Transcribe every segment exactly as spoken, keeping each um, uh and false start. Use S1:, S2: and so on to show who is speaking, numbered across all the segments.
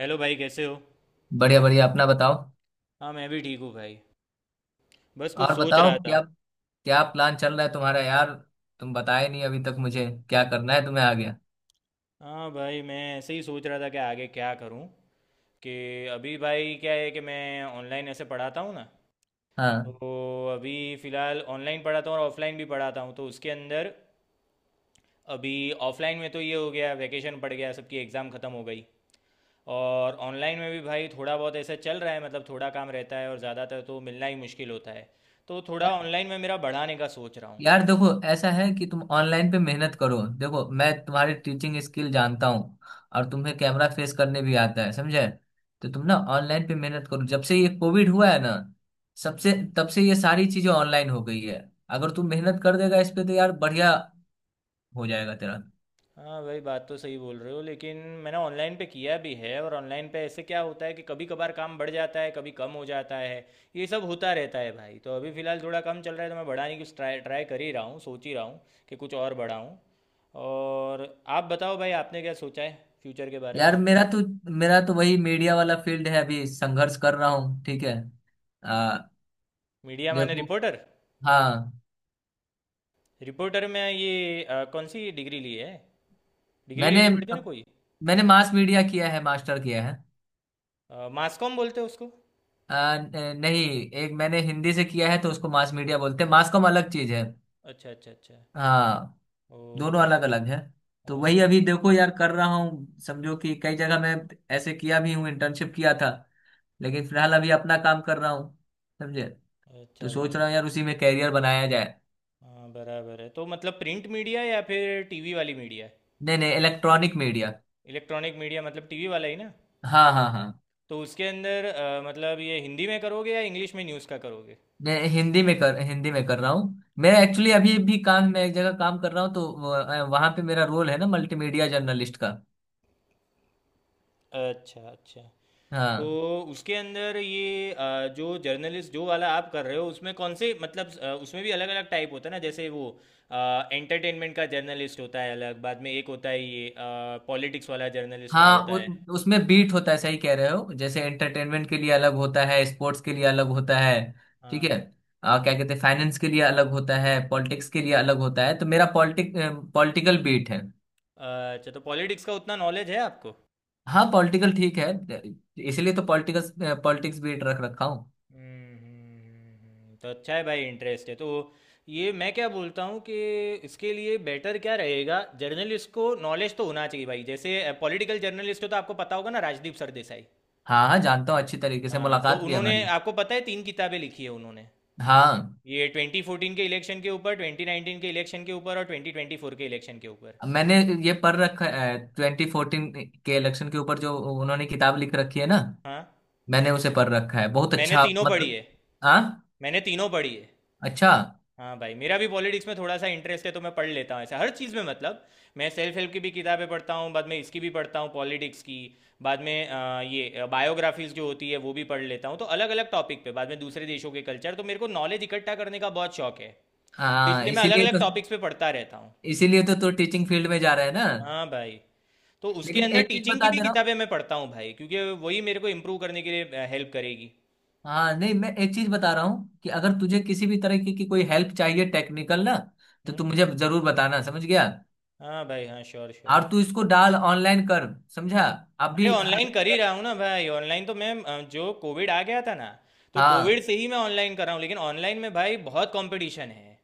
S1: Hello भाई, कैसे हो?
S2: बढ़िया बढ़िया, अपना बताओ।
S1: हाँ, मैं भी ठीक हूँ भाई। बस कुछ
S2: और
S1: सोच
S2: बताओ
S1: रहा था।
S2: क्या? क्या प्लान चल रहा है तुम्हारा, यार? तुम बताए नहीं अभी तक मुझे क्या करना है तुम्हें आगे।
S1: हाँ भाई, मैं ऐसे ही सोच रहा था कि आगे क्या करूँ कि अभी भाई क्या है कि मैं ऑनलाइन ऐसे पढ़ाता हूँ ना।
S2: हाँ।
S1: तो अभी फ़िलहाल ऑनलाइन पढ़ाता हूँ और ऑफलाइन भी पढ़ाता हूँ, तो उसके अंदर अभी ऑफलाइन में तो ये हो गया, वैकेशन पड़ गया, सबकी एग्ज़ाम ख़त्म हो गई। और ऑनलाइन में भी भाई थोड़ा बहुत ऐसा चल रहा है, मतलब थोड़ा काम रहता है और ज़्यादातर तो मिलना ही मुश्किल होता है। तो थोड़ा
S2: यार
S1: ऑनलाइन में मेरा बढ़ाने का सोच रहा हूँ।
S2: यार देखो, ऐसा है कि तुम ऑनलाइन पे मेहनत करो। देखो, मैं तुम्हारी टीचिंग स्किल जानता हूँ। और तुम्हें कैमरा फेस करने भी आता है, समझे? तो तुम
S1: हम्म,
S2: ना ऑनलाइन पे मेहनत करो। जब से ये कोविड हुआ है ना, सबसे
S1: हम्म।
S2: तब से ये सारी चीजें ऑनलाइन हो गई है। अगर तुम मेहनत कर देगा इस पे तो यार बढ़िया, हो जाएगा तेरा।
S1: हाँ भाई, बात तो सही बोल रहे हो, लेकिन मैंने ऑनलाइन पे किया भी है, और ऑनलाइन पे ऐसे क्या होता है कि कभी कभार काम बढ़ जाता है, कभी कम हो जाता है। ये सब होता रहता है भाई। तो अभी फ़िलहाल थोड़ा कम चल रहा है, तो मैं बढ़ाने की ट्राई ट्राई कर ही रहा हूँ, सोच ही रहा हूँ कि कुछ और बढ़ाऊँ। और आप बताओ भाई, आपने क्या सोचा है फ्यूचर के बारे में?
S2: यार, मेरा तो मेरा तो वही मीडिया वाला फील्ड है, अभी संघर्ष कर रहा हूँ, ठीक है। आ,
S1: मीडिया माने
S2: देखो।
S1: रिपोर्टर?
S2: हाँ।
S1: रिपोर्टर में ये अ, कौन सी डिग्री ली है? डिग्री
S2: मैंने
S1: लेनी पड़ती है ना कोई?
S2: मैंने मास मीडिया किया है, मास्टर किया है।
S1: मास कॉम बोलते हैं उसको।
S2: आ, न- नहीं, एक मैंने हिंदी से किया है तो उसको मास मीडिया बोलते हैं। मास कॉम अलग चीज है।
S1: अच्छा अच्छा अच्छा।
S2: हाँ, दोनों
S1: ओके।
S2: अलग अलग है। तो वही अभी
S1: अच्छा।
S2: देखो यार कर रहा हूँ, समझो कि कई जगह मैं ऐसे किया भी हूँ, इंटर्नशिप किया था, लेकिन फिलहाल अभी अपना काम कर रहा हूँ, समझे? तो
S1: अच्छा
S2: सोच
S1: भाई।
S2: रहा हूँ यार उसी में कैरियर बनाया जाए।
S1: हाँ, बराबर है। तो मतलब प्रिंट मीडिया या फिर टीवी वाली मीडिया?
S2: नहीं नहीं, इलेक्ट्रॉनिक मीडिया।
S1: इलेक्ट्रॉनिक मीडिया मतलब टीवी वाला ही ना?
S2: हाँ हाँ हाँ।
S1: तो उसके अंदर अ, मतलब ये हिंदी में करोगे या इंग्लिश में न्यूज़ का करोगे?
S2: मैं हिंदी में कर हिंदी में कर रहा हूँ। मैं एक्चुअली
S1: अच्छा
S2: अभी भी काम मैं एक जगह काम कर रहा हूँ तो वहां पे मेरा रोल है ना मल्टीमीडिया जर्नलिस्ट का।
S1: अच्छा अच्छा। तो
S2: हाँ
S1: उसके अंदर ये अ, जो जर्नलिस्ट जो वाला आप कर रहे हो उसमें कौन से, मतलब अ, उसमें भी अलग अलग टाइप होता है ना, जैसे वो एंटरटेनमेंट का जर्नलिस्ट होता है अलग, बाद में एक होता है ये पॉलिटिक्स वाला जर्नलिस्ट का
S2: हाँ।
S1: होता
S2: उ,
S1: है।
S2: उसमें बीट होता है, सही कह रहे हो, जैसे एंटरटेनमेंट के लिए अलग होता है, स्पोर्ट्स के लिए अलग होता है। ठीक
S1: हाँ।
S2: है। आ, क्या कहते हैं, फाइनेंस के लिए अलग होता है, पॉलिटिक्स के लिए अलग होता है। तो मेरा पॉलिटिक पॉलिटिकल बीट है।
S1: अच्छा, तो पॉलिटिक्स का उतना नॉलेज है आपको?
S2: हाँ, पॉलिटिकल, ठीक है। इसलिए तो पॉलिटिकल पॉलिटिक्स बीट रख रखा हूँ।
S1: हम्म हम्म, हम्म, हम्म। तो अच्छा है भाई, इंटरेस्ट है तो। ये मैं क्या बोलता हूँ कि इसके लिए बेटर क्या रहेगा? जर्नलिस्ट को नॉलेज तो होना चाहिए भाई। जैसे पॉलिटिकल जर्नलिस्ट हो तो आपको पता होगा ना, राजदीप सरदेसाई।
S2: हाँ हाँ, जानता हूँ अच्छी तरीके से,
S1: हाँ, तो
S2: मुलाकात भी है
S1: उन्होंने,
S2: हमारी।
S1: आपको पता है, तीन किताबें लिखी है उन्होंने।
S2: हाँ।
S1: ये ट्वेंटी फोर्टीन के इलेक्शन के ऊपर, ट्वेंटी नाइनटीन के इलेक्शन के ऊपर, और ट्वेंटी ट्वेंटी फोर के इलेक्शन के ऊपर।
S2: मैंने ये पढ़ रखा है, ट्वेंटी फोर्टीन के इलेक्शन के ऊपर जो उन्होंने किताब लिख रखी है ना,
S1: हाँ,
S2: मैंने उसे पढ़ रखा है, बहुत
S1: मैंने
S2: अच्छा,
S1: तीनों पढ़ी
S2: मतलब।
S1: है।
S2: हाँ।
S1: मैंने तीनों पढ़ी है।
S2: अच्छा।
S1: हाँ भाई, मेरा भी पॉलिटिक्स में थोड़ा सा इंटरेस्ट है, तो मैं पढ़ लेता हूँ ऐसा हर चीज़ में। मतलब मैं सेल्फ हेल्प की भी किताबें पढ़ता हूँ, बाद में इसकी भी पढ़ता हूँ, पॉलिटिक्स की। बाद में अ, ये बायोग्राफीज जो होती है वो भी पढ़ लेता हूँ, तो अलग अलग टॉपिक पे, बाद में दूसरे देशों के कल्चर, तो मेरे को नॉलेज इकट्ठा करने का बहुत शौक है। तो
S2: हाँ।
S1: इसलिए मैं अलग
S2: इसीलिए
S1: अलग
S2: तो
S1: टॉपिक्स पे पढ़ता रहता हूँ।
S2: इसीलिए तो तू टीचिंग फील्ड में जा रहा है ना।
S1: हाँ भाई। तो उसके
S2: लेकिन
S1: अंदर
S2: एक चीज
S1: टीचिंग की
S2: बता
S1: भी
S2: दे रहा हूँ।
S1: किताबें मैं पढ़ता हूँ भाई, क्योंकि वही मेरे को इम्प्रूव करने के लिए हेल्प करेगी।
S2: हाँ, नहीं, मैं एक चीज बता रहा हूँ कि
S1: हम्म,
S2: अगर तुझे किसी भी तरह की, की कोई हेल्प चाहिए टेक्निकल ना, तो
S1: हम्म।
S2: तू मुझे जरूर बताना, समझ गया।
S1: हाँ भाई हाँ, श्योर श्योर।
S2: और तू इसको डाल, ऑनलाइन कर, समझा?
S1: अरे
S2: अभी
S1: ऑनलाइन कर ही
S2: अगर
S1: रहा हूँ ना भाई। ऑनलाइन तो मैं अ, जो कोविड आ गया था ना, तो
S2: हाँ
S1: कोविड से ही मैं ऑनलाइन कर रहा हूँ, लेकिन ऑनलाइन में भाई बहुत कंपटीशन है।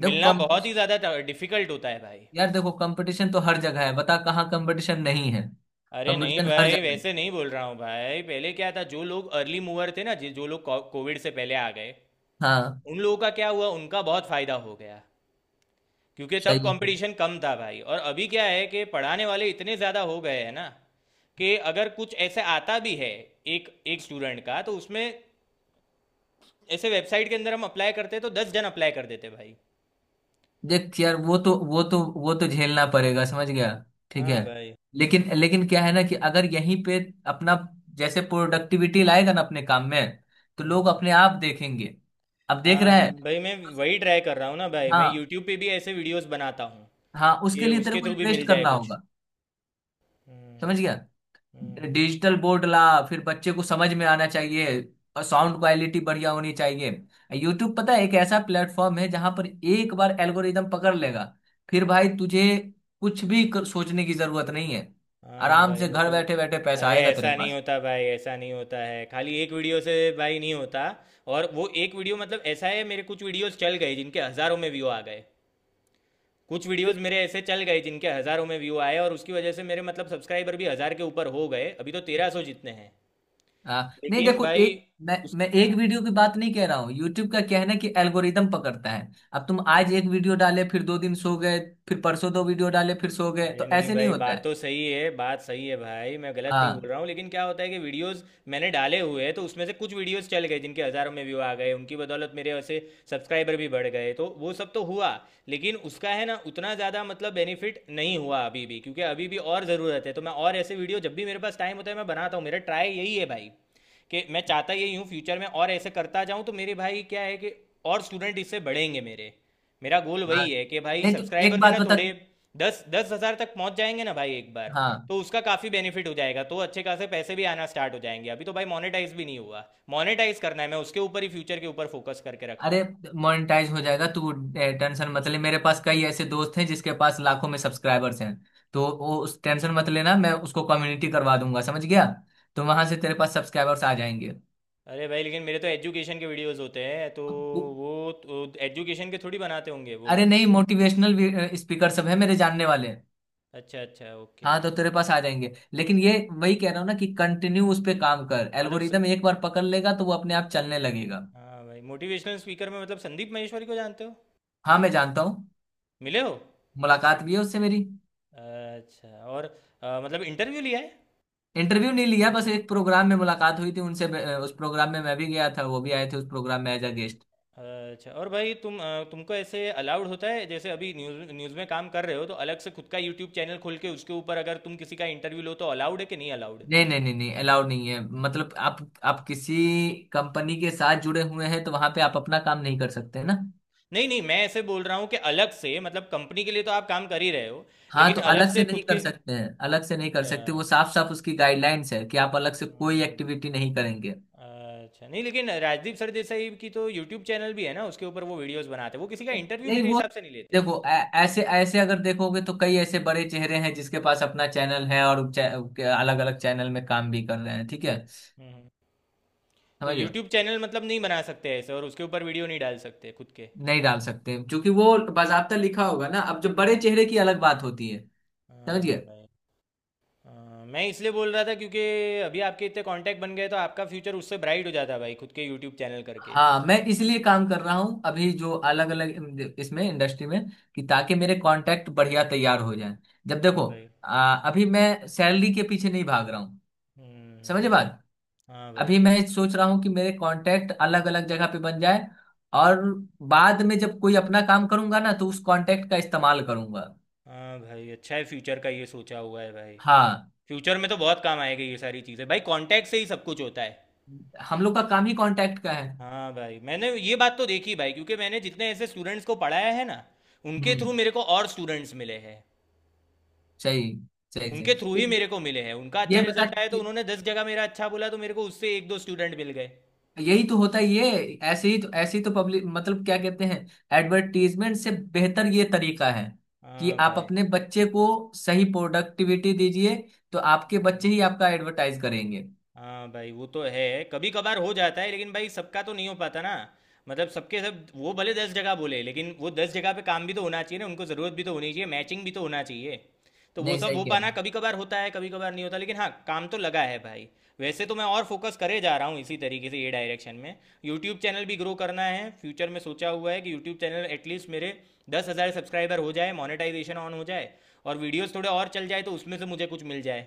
S2: देखो
S1: मिलना
S2: कम।
S1: बहुत ही ज़्यादा डिफिकल्ट होता है भाई।
S2: यार देखो, कंपटीशन तो हर जगह है, बता कहाँ कंपटीशन नहीं है?
S1: अरे नहीं
S2: कंपटीशन हर
S1: भाई,
S2: जगह है।
S1: वैसे नहीं बोल रहा हूँ भाई। पहले क्या था, जो लोग अर्ली मूवर थे ना, जि- जो लोग को- कोविड से पहले आ गए,
S2: हाँ।
S1: उन लोगों का क्या हुआ, उनका बहुत फायदा हो गया, क्योंकि तब
S2: सही है सही।
S1: कंपटीशन कम था भाई। और अभी क्या है कि पढ़ाने वाले इतने ज़्यादा हो गए हैं ना, कि अगर कुछ ऐसे आता भी है एक एक स्टूडेंट का, तो उसमें ऐसे वेबसाइट के अंदर हम अप्लाई करते तो दस जन अप्लाई कर देते भाई।
S2: देख यार, वो तो वो तो वो तो झेलना पड़ेगा, समझ गया? ठीक है।
S1: हाँ भाई।
S2: लेकिन लेकिन क्या है ना कि अगर यहीं पे अपना जैसे प्रोडक्टिविटी लाएगा ना अपने काम में, तो लोग
S1: हम्म।
S2: अपने आप देखेंगे। अब देख
S1: हाँ
S2: रहा
S1: हाँ
S2: है।
S1: भाई, मैं वही ट्राई कर रहा हूँ ना भाई। मैं
S2: हाँ,
S1: यूट्यूब पे भी ऐसे वीडियोस बनाता हूँ
S2: हाँ, उसके
S1: कि
S2: लिए तेरे
S1: उसके
S2: को
S1: थ्रू भी मिल
S2: इन्वेस्ट
S1: जाए
S2: करना
S1: कुछ।
S2: होगा,
S1: हम्म
S2: समझ गया?
S1: हम्म।
S2: डिजिटल बोर्ड ला, फिर बच्चे को समझ में आना चाहिए और साउंड क्वालिटी बढ़िया होनी चाहिए। यूट्यूब पता है, एक ऐसा प्लेटफॉर्म है जहां पर एक बार एल्गोरिदम पकड़ लेगा, फिर भाई तुझे कुछ भी कर, सोचने की जरूरत नहीं है,
S1: हाँ
S2: आराम
S1: भाई
S2: से
S1: वो
S2: घर
S1: तो।
S2: बैठे बैठे पैसा
S1: अरे
S2: आएगा तेरे
S1: ऐसा नहीं
S2: पास।
S1: होता भाई, ऐसा नहीं होता है। खाली एक वीडियो से भाई नहीं होता। और वो एक वीडियो, मतलब ऐसा है, मेरे कुछ वीडियोस चल गए जिनके हज़ारों में व्यू आ गए। कुछ वीडियोस मेरे ऐसे चल गए जिनके हज़ारों में व्यू आए, और उसकी वजह से मेरे, मतलब सब्सक्राइबर भी हज़ार के ऊपर हो गए, अभी तो तेरह सौ जितने हैं।
S2: हाँ, नहीं
S1: लेकिन
S2: देखो,
S1: भाई
S2: एक मैं मैं
S1: उसका,
S2: एक
S1: हाँ।
S2: वीडियो की बात नहीं कह रहा हूँ। यूट्यूब का क्या है ना कि एल्गोरिदम पकड़ता है, अब तुम आज एक वीडियो डाले फिर दो दिन सो गए, फिर परसों दो वीडियो डाले फिर सो गए,
S1: अरे
S2: तो
S1: नहीं
S2: ऐसे नहीं
S1: भाई,
S2: होता
S1: बात
S2: है।
S1: तो सही है, बात सही है भाई, मैं गलत नहीं बोल
S2: हाँ,
S1: रहा हूँ। लेकिन क्या होता है कि वीडियोस मैंने डाले हुए हैं, तो उसमें से कुछ वीडियोस चल गए जिनके हज़ारों में व्यू आ गए, उनकी बदौलत मेरे ऐसे सब्सक्राइबर भी बढ़ गए, तो वो सब तो हुआ। लेकिन उसका है ना उतना ज़्यादा मतलब बेनिफिट नहीं हुआ अभी भी, क्योंकि अभी भी और ज़रूरत है। तो मैं और ऐसे वीडियो जब भी मेरे पास टाइम होता है, मैं बनाता हूँ। मेरा ट्राई यही है भाई, कि मैं चाहता यही हूँ फ्यूचर में और ऐसे करता जाऊँ, तो मेरे भाई क्या है कि और स्टूडेंट इससे बढ़ेंगे मेरे। मेरा गोल
S2: हाँ।
S1: वही है कि भाई,
S2: नहीं तो एक
S1: सब्सक्राइबर्स है
S2: बात
S1: ना
S2: बता।
S1: थोड़े, दस दस हज़ार तक पहुंच जाएंगे ना भाई एक बार,
S2: हाँ।
S1: तो उसका काफ़ी बेनिफिट हो जाएगा, तो अच्छे खासे पैसे भी आना स्टार्ट हो जाएंगे। अभी तो भाई मोनेटाइज भी नहीं हुआ। मोनेटाइज करना है, मैं उसके ऊपर ही, फ्यूचर के ऊपर फोकस करके रखा हूँ।
S2: अरे मोनेटाइज हो जाएगा तू, टेंशन मत ले, मेरे पास कई ऐसे दोस्त हैं जिसके पास लाखों में सब्सक्राइबर्स हैं, तो वो उस टेंशन मत लेना, मैं उसको कम्युनिटी करवा दूंगा, समझ गया? तो वहां से तेरे पास सब्सक्राइबर्स आ जाएंगे।
S1: अरे भाई, लेकिन मेरे तो एजुकेशन के वीडियोस होते हैं, तो
S2: अब वो-
S1: वो तो एजुकेशन के थोड़ी बनाते होंगे वो
S2: अरे
S1: लोग।
S2: नहीं, मोटिवेशनल स्पीकर सब है मेरे जानने वाले।
S1: अच्छा अच्छा ओके।
S2: हाँ, तो तेरे पास आ जाएंगे। लेकिन ये वही कह रहा हूँ ना कि कंटिन्यू उस पे काम कर,
S1: मतलब स...
S2: एल्गोरिदम एक बार पकड़ लेगा तो वो अपने आप चलने लगेगा।
S1: हाँ भाई, मोटिवेशनल स्पीकर में मतलब संदीप महेश्वरी को जानते हो?
S2: हाँ, मैं जानता हूँ,
S1: मिले हो?
S2: मुलाकात भी है उससे मेरी।
S1: अच्छा, और अ, मतलब इंटरव्यू लिया है?
S2: इंटरव्यू नहीं लिया, बस एक प्रोग्राम में मुलाकात हुई थी उनसे। अ, उस प्रोग्राम में मैं भी गया था, वो भी आए थे उस प्रोग्राम में एज अ गेस्ट।
S1: अच्छा, और भाई तुम अ, तुमको ऐसे अलाउड होता है, जैसे अभी न्यूज़ न्यूज़ में काम कर रहे हो, तो अलग से खुद का यूट्यूब चैनल खोल के उसके ऊपर अगर तुम किसी का इंटरव्यू लो तो अलाउड है कि नहीं अलाउड?
S2: नहीं नहीं नहीं नहीं, अलाउड नहीं है। मतलब आप आप किसी कंपनी के साथ जुड़े हुए हैं तो वहां पे आप अपना काम नहीं कर सकते ना।
S1: नहीं नहीं, मैं ऐसे बोल रहा हूँ कि अलग से। मतलब कंपनी के लिए तो आप काम कर ही रहे हो,
S2: हाँ,
S1: लेकिन
S2: तो
S1: अलग
S2: अलग से
S1: से
S2: नहीं
S1: खुद
S2: कर
S1: के।
S2: सकते हैं, अलग से नहीं कर
S1: अच्छा।
S2: सकते, वो साफ साफ उसकी गाइडलाइंस है कि आप अलग से कोई
S1: हम्म,
S2: एक्टिविटी नहीं करेंगे।
S1: अच्छा, नहीं, लेकिन राजदीप सरदेसाई की तो यूट्यूब चैनल भी है ना, उसके ऊपर वो वीडियोस बनाते हैं। वो किसी का इंटरव्यू
S2: नहीं,
S1: मेरे
S2: वो
S1: हिसाब से नहीं लेते।
S2: देखो, ऐ- ऐसे ऐसे अगर देखोगे तो कई ऐसे बड़े चेहरे हैं जिसके पास अपना चैनल है और अलग अलग चैनल में काम भी कर रहे हैं, ठीक है,
S1: हम्म हम्म। तो
S2: समझ।
S1: यूट्यूब चैनल मतलब नहीं बना सकते ऐसे और उसके ऊपर वीडियो नहीं डाल सकते खुद के?
S2: नहीं डाल सकते, क्योंकि वो बाजाबता लिखा होगा ना, अब जब बड़े चेहरे की अलग बात होती है, समझिए।
S1: हाँ भाई। अ, मैं इसलिए बोल रहा था क्योंकि अभी आपके इतने कांटेक्ट बन गए, तो आपका फ्यूचर उससे ब्राइट हो जाता भाई, खुद के यूट्यूब चैनल करके।
S2: हाँ, मैं इसलिए काम कर रहा हूँ अभी जो अलग अलग इसमें इंडस्ट्री में, कि ताकि मेरे कॉन्टैक्ट बढ़िया तैयार हो जाएं, जब
S1: हाँ
S2: देखो।
S1: भाई।
S2: आ, अभी मैं सैलरी के पीछे नहीं भाग रहा हूँ, समझे
S1: हम्म।
S2: बात।
S1: हाँ भाई।
S2: अभी मैं सोच रहा हूँ कि मेरे कॉन्टैक्ट अलग अलग जगह पे बन जाए, और बाद में जब कोई अपना काम करूंगा ना तो उस कॉन्टैक्ट का इस्तेमाल करूंगा।
S1: हाँ भाई, अच्छा है, फ्यूचर का ये सोचा हुआ है भाई।
S2: हाँ,
S1: फ्यूचर में तो बहुत काम आएगी ये सारी चीज़ें भाई, कांटेक्ट से ही सब कुछ होता है।
S2: हम लोग का काम ही कॉन्टैक्ट का है।
S1: हाँ भाई, मैंने ये बात तो देखी भाई, क्योंकि मैंने जितने ऐसे स्टूडेंट्स को पढ़ाया है ना, उनके
S2: हम्म।
S1: थ्रू मेरे को और स्टूडेंट्स मिले हैं।
S2: सही, सही, सही।
S1: उनके थ्रू ही
S2: तो
S1: मेरे
S2: ये
S1: को मिले हैं। उनका अच्छा
S2: ये बता।
S1: रिजल्ट आया तो उन्होंने दस जगह मेरा अच्छा बोला, तो मेरे को उससे एक दो स्टूडेंट मिल गए।
S2: यही तो होता है ये। ऐसे ही तो ऐसे ही तो पब्लिक, मतलब क्या कहते हैं, एडवर्टीजमेंट से बेहतर ये तरीका है, कि
S1: हाँ
S2: आप
S1: भाई।
S2: अपने बच्चे को सही प्रोडक्टिविटी दीजिए तो आपके बच्चे
S1: हम्म।
S2: ही आपका एडवर्टाइज करेंगे।
S1: हाँ भाई, वो तो है, कभी कभार हो जाता है, लेकिन भाई सबका तो नहीं हो पाता ना। मतलब सबके सब, वो भले दस जगह बोले, लेकिन वो दस जगह पे काम भी तो होना चाहिए ना, उनको ज़रूरत भी तो होनी चाहिए, मैचिंग भी तो होना चाहिए। तो वो
S2: नहीं
S1: सब
S2: सही
S1: हो
S2: कह रहे
S1: पाना
S2: हैं।
S1: कभी कभार होता है, कभी कभार नहीं होता, लेकिन हाँ, काम तो लगा है भाई। वैसे तो मैं और फोकस करे जा रहा हूँ इसी तरीके से, ये डायरेक्शन में। यूट्यूब चैनल भी ग्रो करना है फ्यूचर में, सोचा हुआ है कि यूट्यूब चैनल एटलीस्ट मेरे दस हज़ार सब्सक्राइबर हो जाए, मोनेटाइजेशन ऑन हो जाए, और वीडियोस थोड़े और चल जाए, तो उसमें से मुझे कुछ मिल जाए।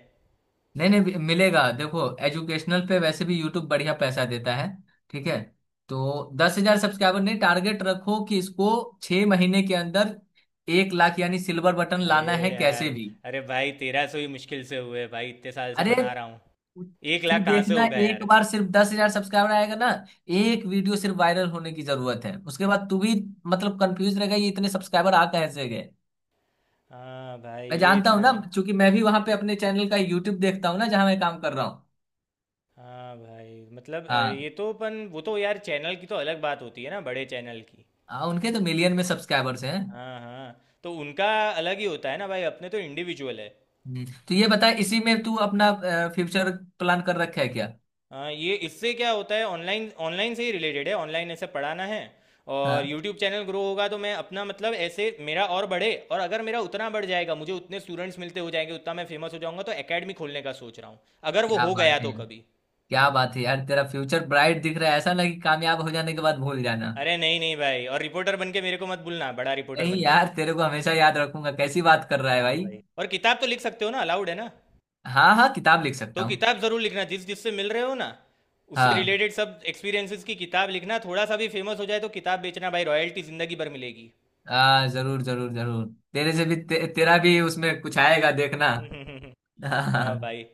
S2: नहीं, नहीं मिलेगा, देखो एजुकेशनल पे वैसे भी यूट्यूब बढ़िया पैसा देता है, ठीक है। तो दस हजार सब्सक्राइबर नहीं, टारगेट रखो कि इसको छह महीने के अंदर एक लाख यानी सिल्वर बटन
S1: अरे
S2: लाना है
S1: यार।
S2: कैसे भी।
S1: अरे भाई, तेरह सौ ही मुश्किल से हुए भाई, इतने साल से
S2: अरे
S1: बना रहा हूँ।
S2: तू
S1: एक
S2: तू
S1: लाख कहाँ से
S2: देखना,
S1: होगा
S2: एक
S1: यार?
S2: बार सिर्फ दस हजार सब्सक्राइबर आएगा ना, एक वीडियो सिर्फ वायरल होने की जरूरत है, उसके बाद तू भी मतलब कंफ्यूज रहेगा ये इतने सब्सक्राइबर आ कैसे गए।
S1: हाँ भाई,
S2: मैं
S1: ये
S2: जानता हूँ
S1: इतना।
S2: ना, क्योंकि मैं भी वहां पे अपने चैनल का यूट्यूब देखता हूँ ना जहाँ मैं काम कर रहा हूँ।
S1: हाँ भाई, मतलब अ, ये
S2: हाँ,
S1: तो अपन, वो तो यार, चैनल की तो अलग बात होती है ना, बड़े चैनल की।
S2: हाँ, उनके तो मिलियन में सब्सक्राइबर्स हैं।
S1: हाँ हाँ, तो उनका अलग ही होता है ना भाई, अपने तो इंडिविजुअल है।
S2: हम्म, तो ये बता, इसी में तू अपना फ्यूचर प्लान कर रखा है क्या?
S1: हाँ, ये इससे क्या होता है, ऑनलाइन ऑनलाइन से ही रिलेटेड है, ऑनलाइन ऐसे पढ़ाना है, और
S2: हाँ।
S1: यूट्यूब चैनल ग्रो होगा तो मैं अपना मतलब ऐसे मेरा और बढ़े। और अगर मेरा उतना बढ़ जाएगा, मुझे उतने स्टूडेंट्स मिलते हो जाएंगे, उतना मैं फेमस हो जाऊंगा, तो एकेडमी खोलने का सोच रहा हूँ। अगर वो
S2: क्या
S1: हो गया
S2: बात है,
S1: तो कभी।
S2: क्या बात है यार, तेरा फ्यूचर ब्राइट दिख रहा है। ऐसा ना कि कामयाब हो जाने के बाद भूल जाना।
S1: अरे नहीं नहीं भाई, और रिपोर्टर बन के मेरे को मत भूलना, बड़ा रिपोर्टर
S2: नहीं
S1: बन के।
S2: यार, तेरे को हमेशा याद रखूंगा, कैसी बात कर रहा है
S1: हाँ
S2: भाई।
S1: भाई, और किताब तो लिख सकते हो ना, अलाउड है ना?
S2: हाँ हाँ, किताब लिख
S1: तो
S2: सकता हूँ।
S1: किताब जरूर लिखना। जिस जिससे मिल रहे हो ना, उससे
S2: हाँ
S1: रिलेटेड सब एक्सपीरियंसेस की किताब लिखना। थोड़ा सा भी फेमस हो जाए तो किताब बेचना भाई, रॉयल्टी जिंदगी भर
S2: हाँ, जरूर जरूर जरूर। तेरे से भी ते, तेरा भी उसमें कुछ आएगा देखना।
S1: मिलेगी। हाँ
S2: हाँ।
S1: भाई।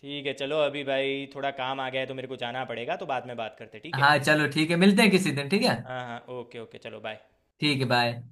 S1: ठीक है चलो, अभी भाई थोड़ा काम आ गया है, तो मेरे को जाना पड़ेगा, तो बाद में बात करते हैं, ठीक है।
S2: हाँ, चलो ठीक है, मिलते हैं किसी दिन, ठीक है।
S1: हाँ हाँ, ओके ओके, चलो बाय।
S2: ठीक है, बाय।